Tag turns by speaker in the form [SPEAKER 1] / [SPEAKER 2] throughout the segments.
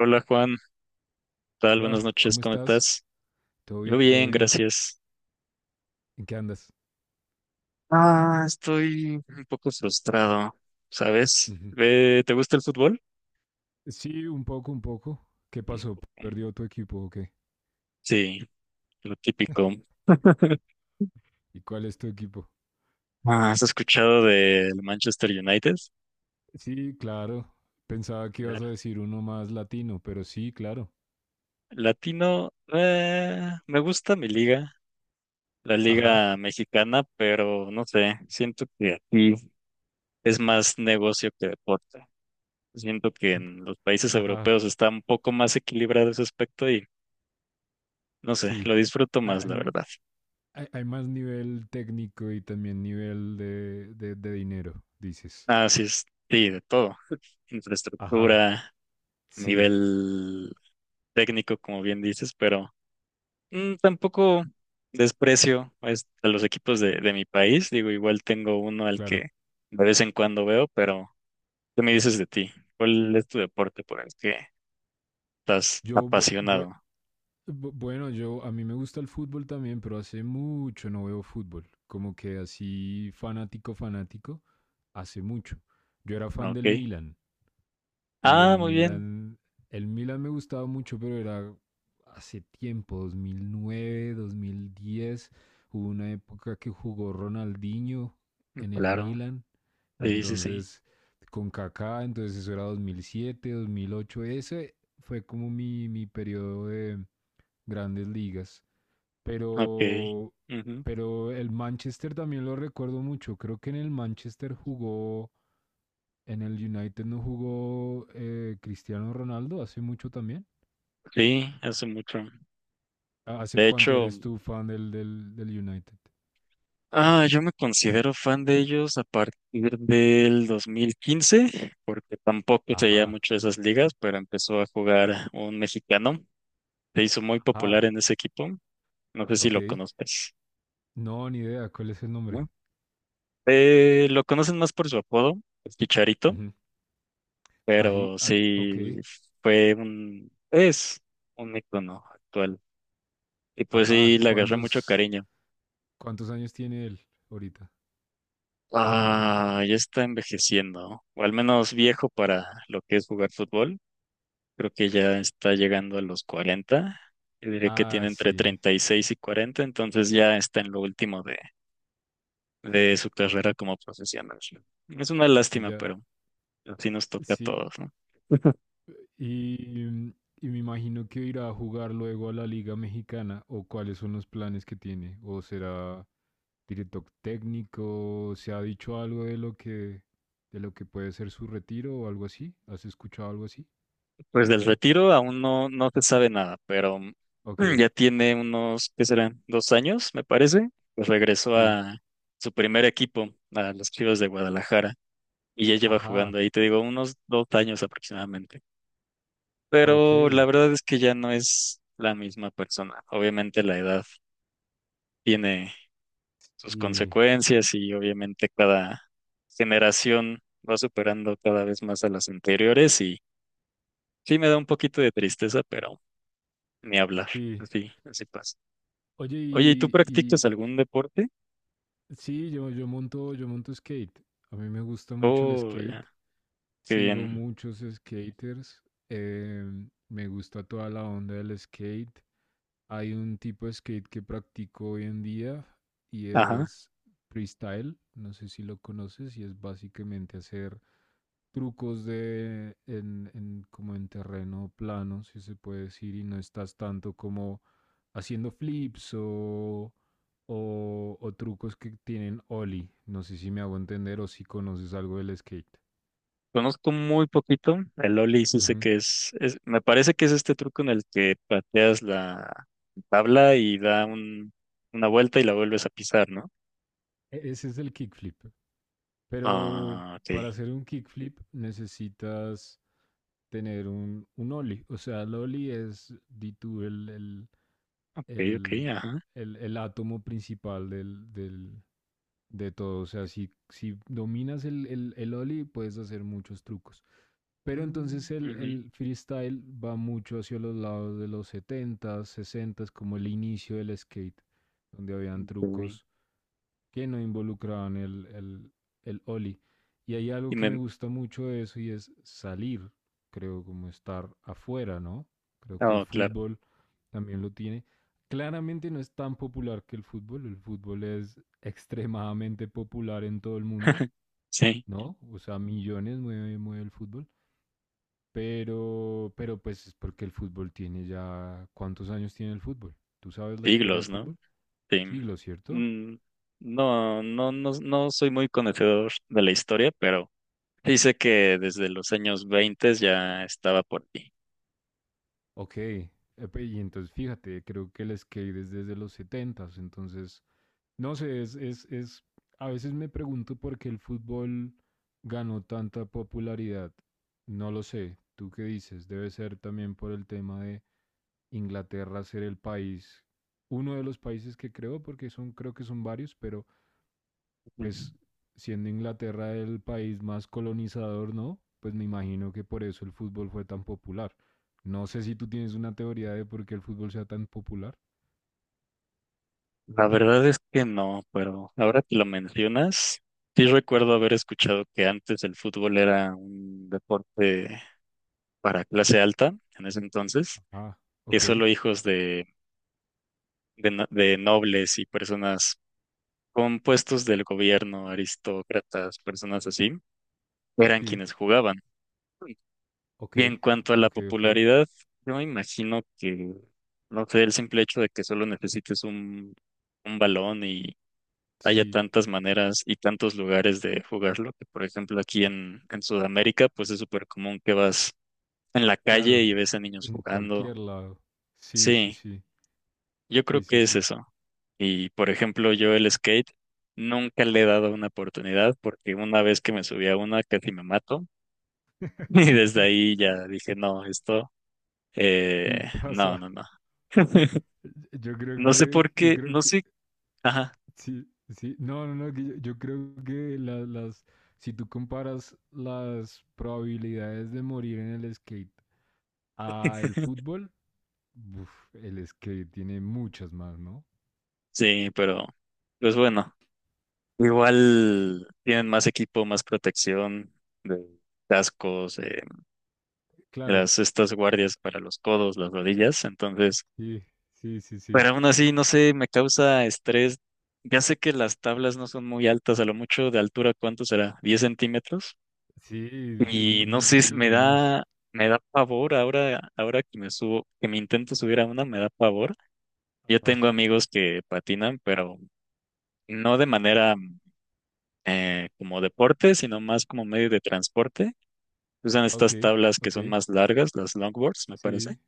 [SPEAKER 1] Hola Juan, ¿qué tal? Buenas
[SPEAKER 2] Hola,
[SPEAKER 1] noches,
[SPEAKER 2] ¿cómo
[SPEAKER 1] ¿cómo
[SPEAKER 2] estás?
[SPEAKER 1] estás?
[SPEAKER 2] ¿Todo
[SPEAKER 1] Yo
[SPEAKER 2] bien? ¿Todo
[SPEAKER 1] bien,
[SPEAKER 2] bien?
[SPEAKER 1] gracias.
[SPEAKER 2] ¿En qué andas?
[SPEAKER 1] Ah, estoy un poco frustrado, ¿sabes?
[SPEAKER 2] Ujú.
[SPEAKER 1] Ve, ¿te gusta el fútbol?
[SPEAKER 2] Sí, un poco, un poco. ¿Qué
[SPEAKER 1] Un
[SPEAKER 2] pasó?
[SPEAKER 1] poco.
[SPEAKER 2] ¿Perdió tu equipo o qué?
[SPEAKER 1] Sí, lo típico.
[SPEAKER 2] ¿Y cuál es tu equipo?
[SPEAKER 1] Ah, ¿has escuchado del Manchester United?
[SPEAKER 2] Sí, claro. Pensaba que ibas a
[SPEAKER 1] Claro.
[SPEAKER 2] decir uno más latino, pero sí, claro.
[SPEAKER 1] Latino, me gusta mi liga, la
[SPEAKER 2] Ajá,
[SPEAKER 1] liga mexicana, pero no sé, siento que aquí es más negocio que deporte. Siento que en los países
[SPEAKER 2] ajá,
[SPEAKER 1] europeos está un poco más equilibrado ese aspecto y no sé,
[SPEAKER 2] sí.
[SPEAKER 1] lo disfruto
[SPEAKER 2] Hay,
[SPEAKER 1] más, la verdad.
[SPEAKER 2] hay más nivel técnico y también nivel de dinero, dices.
[SPEAKER 1] Así es, sí, de todo.
[SPEAKER 2] Ajá,
[SPEAKER 1] Infraestructura,
[SPEAKER 2] sí,
[SPEAKER 1] nivel técnico, como bien dices, pero tampoco desprecio pues, a los equipos de mi país. Digo, igual tengo uno al
[SPEAKER 2] claro.
[SPEAKER 1] que de vez en cuando veo, pero ¿qué me dices de ti? ¿Cuál es tu deporte por el que estás
[SPEAKER 2] Yo vo- voy,
[SPEAKER 1] apasionado?
[SPEAKER 2] Bueno, yo a mí me gusta el fútbol también, pero hace mucho no veo fútbol. Como que así fanático, fanático, hace mucho. Yo era
[SPEAKER 1] Ah,
[SPEAKER 2] fan del
[SPEAKER 1] ok.
[SPEAKER 2] Milan y
[SPEAKER 1] Ah, muy bien.
[SPEAKER 2] El Milan me gustaba mucho, pero era hace tiempo, 2009, 2010. Hubo una época que jugó Ronaldinho en el
[SPEAKER 1] Claro.
[SPEAKER 2] Milan,
[SPEAKER 1] Sí, sí, sí.
[SPEAKER 2] entonces con Kaká, entonces eso era 2007, 2008. Ese fue como mi periodo de grandes ligas.
[SPEAKER 1] Ok.
[SPEAKER 2] Pero,
[SPEAKER 1] Ujú.
[SPEAKER 2] pero el Manchester también lo recuerdo mucho. Creo que en el Manchester jugó, en el United no jugó Cristiano Ronaldo hace mucho también.
[SPEAKER 1] Sí, hace mucho.
[SPEAKER 2] Ah, ¿hace
[SPEAKER 1] De
[SPEAKER 2] cuánto
[SPEAKER 1] hecho.
[SPEAKER 2] eres tú fan del United?
[SPEAKER 1] Ah, yo me considero fan de ellos a partir del 2015, porque tampoco seguía
[SPEAKER 2] Ajá,
[SPEAKER 1] mucho esas ligas, pero empezó a jugar un mexicano. Se hizo muy
[SPEAKER 2] ajá,
[SPEAKER 1] popular en ese equipo. No sé si
[SPEAKER 2] ok.
[SPEAKER 1] lo conoces,
[SPEAKER 2] No, ni idea, ¿cuál es el nombre?
[SPEAKER 1] ¿no? Lo conocen más por su apodo, el Chicharito,
[SPEAKER 2] Ujú.
[SPEAKER 1] pero
[SPEAKER 2] Ok,
[SPEAKER 1] sí es un icono actual. Y pues sí,
[SPEAKER 2] ajá.
[SPEAKER 1] le agarré mucho cariño.
[SPEAKER 2] ¿Cuántos años tiene él ahorita?
[SPEAKER 1] Ah, ya está envejeciendo, o al menos viejo para lo que es jugar fútbol. Creo que ya está llegando a los 40. Yo diría que
[SPEAKER 2] Ah,
[SPEAKER 1] tiene entre
[SPEAKER 2] sí,
[SPEAKER 1] 36 y 40, entonces ya está en lo último de su carrera como profesional. Es una
[SPEAKER 2] ese
[SPEAKER 1] lástima,
[SPEAKER 2] ya,
[SPEAKER 1] pero así nos toca a
[SPEAKER 2] sí.
[SPEAKER 1] todos, ¿no?
[SPEAKER 2] Y, y me imagino que irá a jugar luego a la Liga Mexicana o cuáles son los planes que tiene. O será director técnico, ¿se ha dicho algo de lo que puede ser su retiro o algo así? ¿Has escuchado algo así?
[SPEAKER 1] Pues del retiro aún no, no se sabe nada, pero
[SPEAKER 2] Ok,
[SPEAKER 1] ya tiene unos, ¿qué serán? 2 años, me parece. Pues regresó
[SPEAKER 2] sí.
[SPEAKER 1] a su primer equipo, a los Chivas de Guadalajara, y ya lleva
[SPEAKER 2] Ajá,
[SPEAKER 1] jugando ahí, te digo, unos 2 años aproximadamente.
[SPEAKER 2] ok.
[SPEAKER 1] Pero la verdad es que ya no es la misma persona. Obviamente la edad tiene sus
[SPEAKER 2] Y
[SPEAKER 1] consecuencias y obviamente cada generación va superando cada vez más a las anteriores y sí me da un poquito de tristeza, pero ni hablar.
[SPEAKER 2] sí.
[SPEAKER 1] Así, así pasa. Oye, ¿y tú
[SPEAKER 2] Oye,
[SPEAKER 1] practicas algún deporte?
[SPEAKER 2] y sí, yo monto skate. A mí me gusta mucho el
[SPEAKER 1] Oh, ya,
[SPEAKER 2] skate.
[SPEAKER 1] qué
[SPEAKER 2] Sigo
[SPEAKER 1] bien.
[SPEAKER 2] muchos skaters. Me gusta toda la onda del skate. Hay un tipo de skate que practico hoy en día y es freestyle. No sé si lo conoces y es básicamente hacer trucos como en terreno plano, si se puede decir, y no estás tanto como haciendo o trucos que tienen ollie. No sé si me hago entender o si conoces algo del skate.
[SPEAKER 1] Conozco muy poquito. El Ollie sí sé
[SPEAKER 2] Ujú.
[SPEAKER 1] que me parece que es este truco en el que pateas la tabla y da una vuelta y la vuelves a pisar, ¿no?
[SPEAKER 2] Ese es el kickflip. Pero
[SPEAKER 1] Ah, ok.
[SPEAKER 2] para hacer un kickflip necesitas tener un ollie. O sea, el ollie es, di tú,
[SPEAKER 1] Ok, ok,
[SPEAKER 2] el,
[SPEAKER 1] ajá.
[SPEAKER 2] el átomo principal de todo. O sea, si, si dominas el ollie, puedes hacer muchos trucos. Pero
[SPEAKER 1] Mm,
[SPEAKER 2] entonces
[SPEAKER 1] ujú,
[SPEAKER 2] el freestyle va mucho hacia los lados de los setentas, sesentas, como el inicio del skate, donde habían
[SPEAKER 1] ok.
[SPEAKER 2] trucos que no involucraban el Oli. Y hay algo
[SPEAKER 1] Y
[SPEAKER 2] que me
[SPEAKER 1] me,
[SPEAKER 2] gusta mucho de eso y es salir, creo, como estar afuera, ¿no? Creo que el
[SPEAKER 1] oh, claro.
[SPEAKER 2] fútbol también lo tiene. Claramente no es tan popular que el fútbol es extremadamente popular en todo el mundo,
[SPEAKER 1] Sí,
[SPEAKER 2] ¿no? O sea, millones mueve, mueve el fútbol, pero pues es porque el fútbol tiene ya... ¿Cuántos años tiene el fútbol? ¿Tú sabes la historia del
[SPEAKER 1] siglos, ¿no?
[SPEAKER 2] fútbol?
[SPEAKER 1] Sí.
[SPEAKER 2] Siglos, ¿cierto?
[SPEAKER 1] Mm, no, no, no, no soy muy conocedor de la historia, pero dice que desde los años 20 ya estaba por aquí.
[SPEAKER 2] Ok, epe, y entonces fíjate, creo que el skate es desde los setentas, entonces, no sé, es, a veces me pregunto por qué el fútbol ganó tanta popularidad, no lo sé, ¿tú qué dices? Debe ser también por el tema de Inglaterra ser el país, uno de los países que creó, porque son, creo que son varios, pero pues siendo Inglaterra el país más colonizador, ¿no? Pues me imagino que por eso el fútbol fue tan popular. No sé si tú tienes una teoría de por qué el fútbol sea tan popular.
[SPEAKER 1] La verdad es que no, pero ahora que lo mencionas, sí recuerdo haber escuchado que antes el fútbol era un deporte para clase alta, en ese entonces,
[SPEAKER 2] Ah,
[SPEAKER 1] que
[SPEAKER 2] ok,
[SPEAKER 1] solo hijos de, no- de nobles y personas con puestos del gobierno, aristócratas, personas así, eran
[SPEAKER 2] sí,
[SPEAKER 1] quienes jugaban.
[SPEAKER 2] ok,
[SPEAKER 1] Y en cuanto a la
[SPEAKER 2] ok, ok.
[SPEAKER 1] popularidad, yo me imagino que, no sé, el simple hecho de que solo necesites un balón y haya
[SPEAKER 2] Sí,
[SPEAKER 1] tantas maneras y tantos lugares de jugarlo, que por ejemplo aquí en Sudamérica, pues es súper común que vas en la calle
[SPEAKER 2] claro,
[SPEAKER 1] y ves a niños
[SPEAKER 2] en
[SPEAKER 1] jugando.
[SPEAKER 2] cualquier lado. Sí, sí,
[SPEAKER 1] Sí,
[SPEAKER 2] sí,
[SPEAKER 1] yo creo
[SPEAKER 2] sí, sí,
[SPEAKER 1] que es
[SPEAKER 2] sí.
[SPEAKER 1] eso. Y por ejemplo, yo el skate nunca le he dado una oportunidad porque una vez que me subí a una casi me mato y desde ahí ya dije, no, esto,
[SPEAKER 2] Sí
[SPEAKER 1] no,
[SPEAKER 2] pasa.
[SPEAKER 1] no, no.
[SPEAKER 2] Yo creo
[SPEAKER 1] No sé
[SPEAKER 2] que,
[SPEAKER 1] por
[SPEAKER 2] yo
[SPEAKER 1] qué,
[SPEAKER 2] creo
[SPEAKER 1] no
[SPEAKER 2] que,
[SPEAKER 1] sé, ajá,
[SPEAKER 2] Sí, sí, no, no, no, yo creo que las, si tú comparas las probabilidades de morir en el skate a el fútbol, uf, el skate tiene muchas más, ¿no?
[SPEAKER 1] sí, pero pues bueno. Igual tienen más equipo, más protección de cascos,
[SPEAKER 2] Claro,
[SPEAKER 1] las estas guardias para los codos, las rodillas, entonces,
[SPEAKER 2] sí, sí, sí,
[SPEAKER 1] pero
[SPEAKER 2] sí,
[SPEAKER 1] aún así, no sé, me causa estrés. Ya sé que las tablas no son muy altas, a lo mucho de altura, ¿cuánto será? ¿10 centímetros?
[SPEAKER 2] sí,
[SPEAKER 1] Y no
[SPEAKER 2] mm,
[SPEAKER 1] sé, si
[SPEAKER 2] sí,
[SPEAKER 1] me
[SPEAKER 2] no más.
[SPEAKER 1] da, me da pavor ahora, que me intento subir a una, me da pavor. Yo tengo
[SPEAKER 2] Ah,
[SPEAKER 1] amigos que patinan, pero no de manera como deporte, sino más como medio de transporte. Usan
[SPEAKER 2] ok,
[SPEAKER 1] estas tablas que
[SPEAKER 2] ok,
[SPEAKER 1] son más largas, las longboards, me parece.
[SPEAKER 2] sí,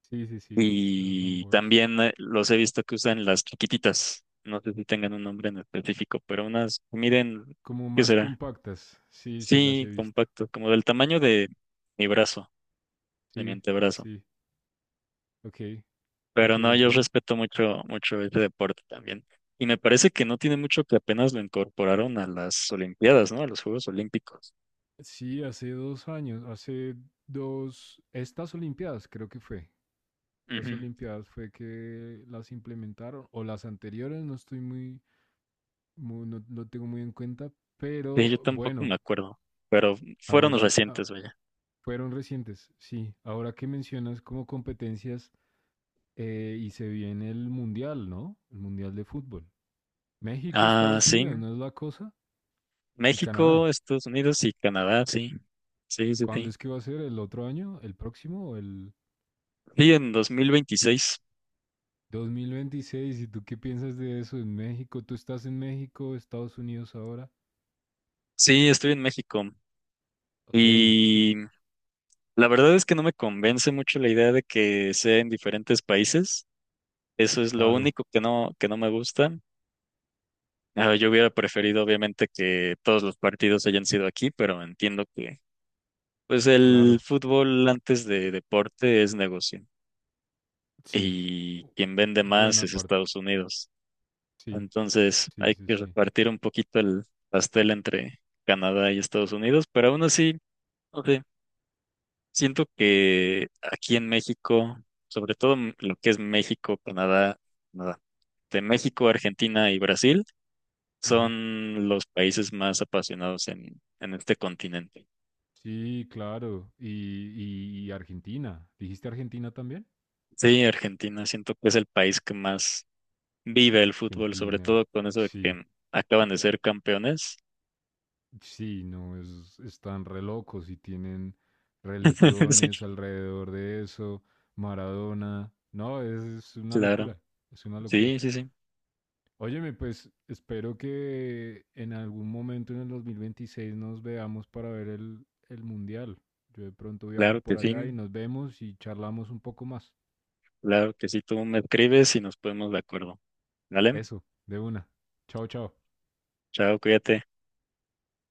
[SPEAKER 2] sí, sí, sí, las
[SPEAKER 1] Y
[SPEAKER 2] longboards.
[SPEAKER 1] también los he visto que usan las chiquititas. No sé si tengan un nombre en específico, pero unas, miren,
[SPEAKER 2] Como
[SPEAKER 1] ¿qué
[SPEAKER 2] más
[SPEAKER 1] será?
[SPEAKER 2] compactas, sí, sí, las he
[SPEAKER 1] Sí,
[SPEAKER 2] visto,
[SPEAKER 1] compacto, como del tamaño de mi brazo, de mi
[SPEAKER 2] sí,
[SPEAKER 1] antebrazo.
[SPEAKER 2] sí, ok, ok,
[SPEAKER 1] Pero no, yo
[SPEAKER 2] ok.
[SPEAKER 1] respeto mucho, mucho este deporte también. Y me parece que no tiene mucho que apenas lo incorporaron a las Olimpiadas, ¿no? A los Juegos Olímpicos.
[SPEAKER 2] Sí, hace dos años, hace dos, estas Olimpiadas creo que fue, estas
[SPEAKER 1] Ujú.
[SPEAKER 2] Olimpiadas fue que las implementaron, o las anteriores, no estoy no lo tengo muy en cuenta,
[SPEAKER 1] Sí, yo
[SPEAKER 2] pero
[SPEAKER 1] tampoco me
[SPEAKER 2] bueno,
[SPEAKER 1] acuerdo, pero fueron
[SPEAKER 2] ahora ah,
[SPEAKER 1] recientes, vaya.
[SPEAKER 2] fueron recientes, sí, ahora que mencionas como competencias y se viene el Mundial, ¿no? El Mundial de Fútbol. México,
[SPEAKER 1] Ah,
[SPEAKER 2] Estados
[SPEAKER 1] sí.
[SPEAKER 2] Unidos, ¿no es la cosa? Y
[SPEAKER 1] México,
[SPEAKER 2] Canadá.
[SPEAKER 1] Estados Unidos y Canadá, sí. Sí, sí,
[SPEAKER 2] ¿Cuándo
[SPEAKER 1] sí.
[SPEAKER 2] es que va a ser? ¿El otro año? ¿El próximo? ¿O el...
[SPEAKER 1] Sí, en 2026.
[SPEAKER 2] 2026, ¿y tú qué piensas de eso en México? ¿Tú estás en México, Estados Unidos ahora?
[SPEAKER 1] Sí, estoy en México.
[SPEAKER 2] Ok, y
[SPEAKER 1] Y la verdad es que no me convence mucho la idea de que sea en diferentes países. Eso es lo
[SPEAKER 2] claro,
[SPEAKER 1] único que no me gusta. Ah, yo hubiera preferido, obviamente, que todos los partidos hayan sido aquí, pero entiendo que, pues, el
[SPEAKER 2] claro,
[SPEAKER 1] fútbol antes de deporte es negocio.
[SPEAKER 2] sí.
[SPEAKER 1] Y
[SPEAKER 2] U-
[SPEAKER 1] quien vende más
[SPEAKER 2] buena
[SPEAKER 1] es
[SPEAKER 2] parte.
[SPEAKER 1] Estados Unidos.
[SPEAKER 2] Sí,
[SPEAKER 1] Entonces
[SPEAKER 2] sí,
[SPEAKER 1] hay
[SPEAKER 2] sí,
[SPEAKER 1] que
[SPEAKER 2] sí.
[SPEAKER 1] repartir un poquito el pastel entre Canadá y Estados Unidos, pero aún así, no sé, siento que aquí en México, sobre todo lo que es México, Canadá, Canadá, de México, Argentina y Brasil,
[SPEAKER 2] Ujú.
[SPEAKER 1] son los países más apasionados en este continente.
[SPEAKER 2] Sí, claro. Y, y Argentina. ¿Dijiste Argentina también?
[SPEAKER 1] Sí, Argentina, siento que es el país que más vive el fútbol, sobre
[SPEAKER 2] Argentina,
[SPEAKER 1] todo con eso de
[SPEAKER 2] sí.
[SPEAKER 1] que acaban de ser campeones.
[SPEAKER 2] Sí, no, es, están re locos y tienen
[SPEAKER 1] Sí,
[SPEAKER 2] religiones alrededor de eso. Maradona. No, es una
[SPEAKER 1] claro.
[SPEAKER 2] locura. Es una locura.
[SPEAKER 1] Sí, sí, sí,
[SPEAKER 2] Óyeme, pues espero que en algún momento en el 2026 nos veamos para ver el mundial. Yo de pronto viajo
[SPEAKER 1] claro que
[SPEAKER 2] por
[SPEAKER 1] sí.
[SPEAKER 2] allá y nos vemos y charlamos un poco más.
[SPEAKER 1] Claro que sí, tú me escribes y nos ponemos de acuerdo. ¿Vale?
[SPEAKER 2] Eso, de una. Chao, chao.
[SPEAKER 1] Chao, cuídate.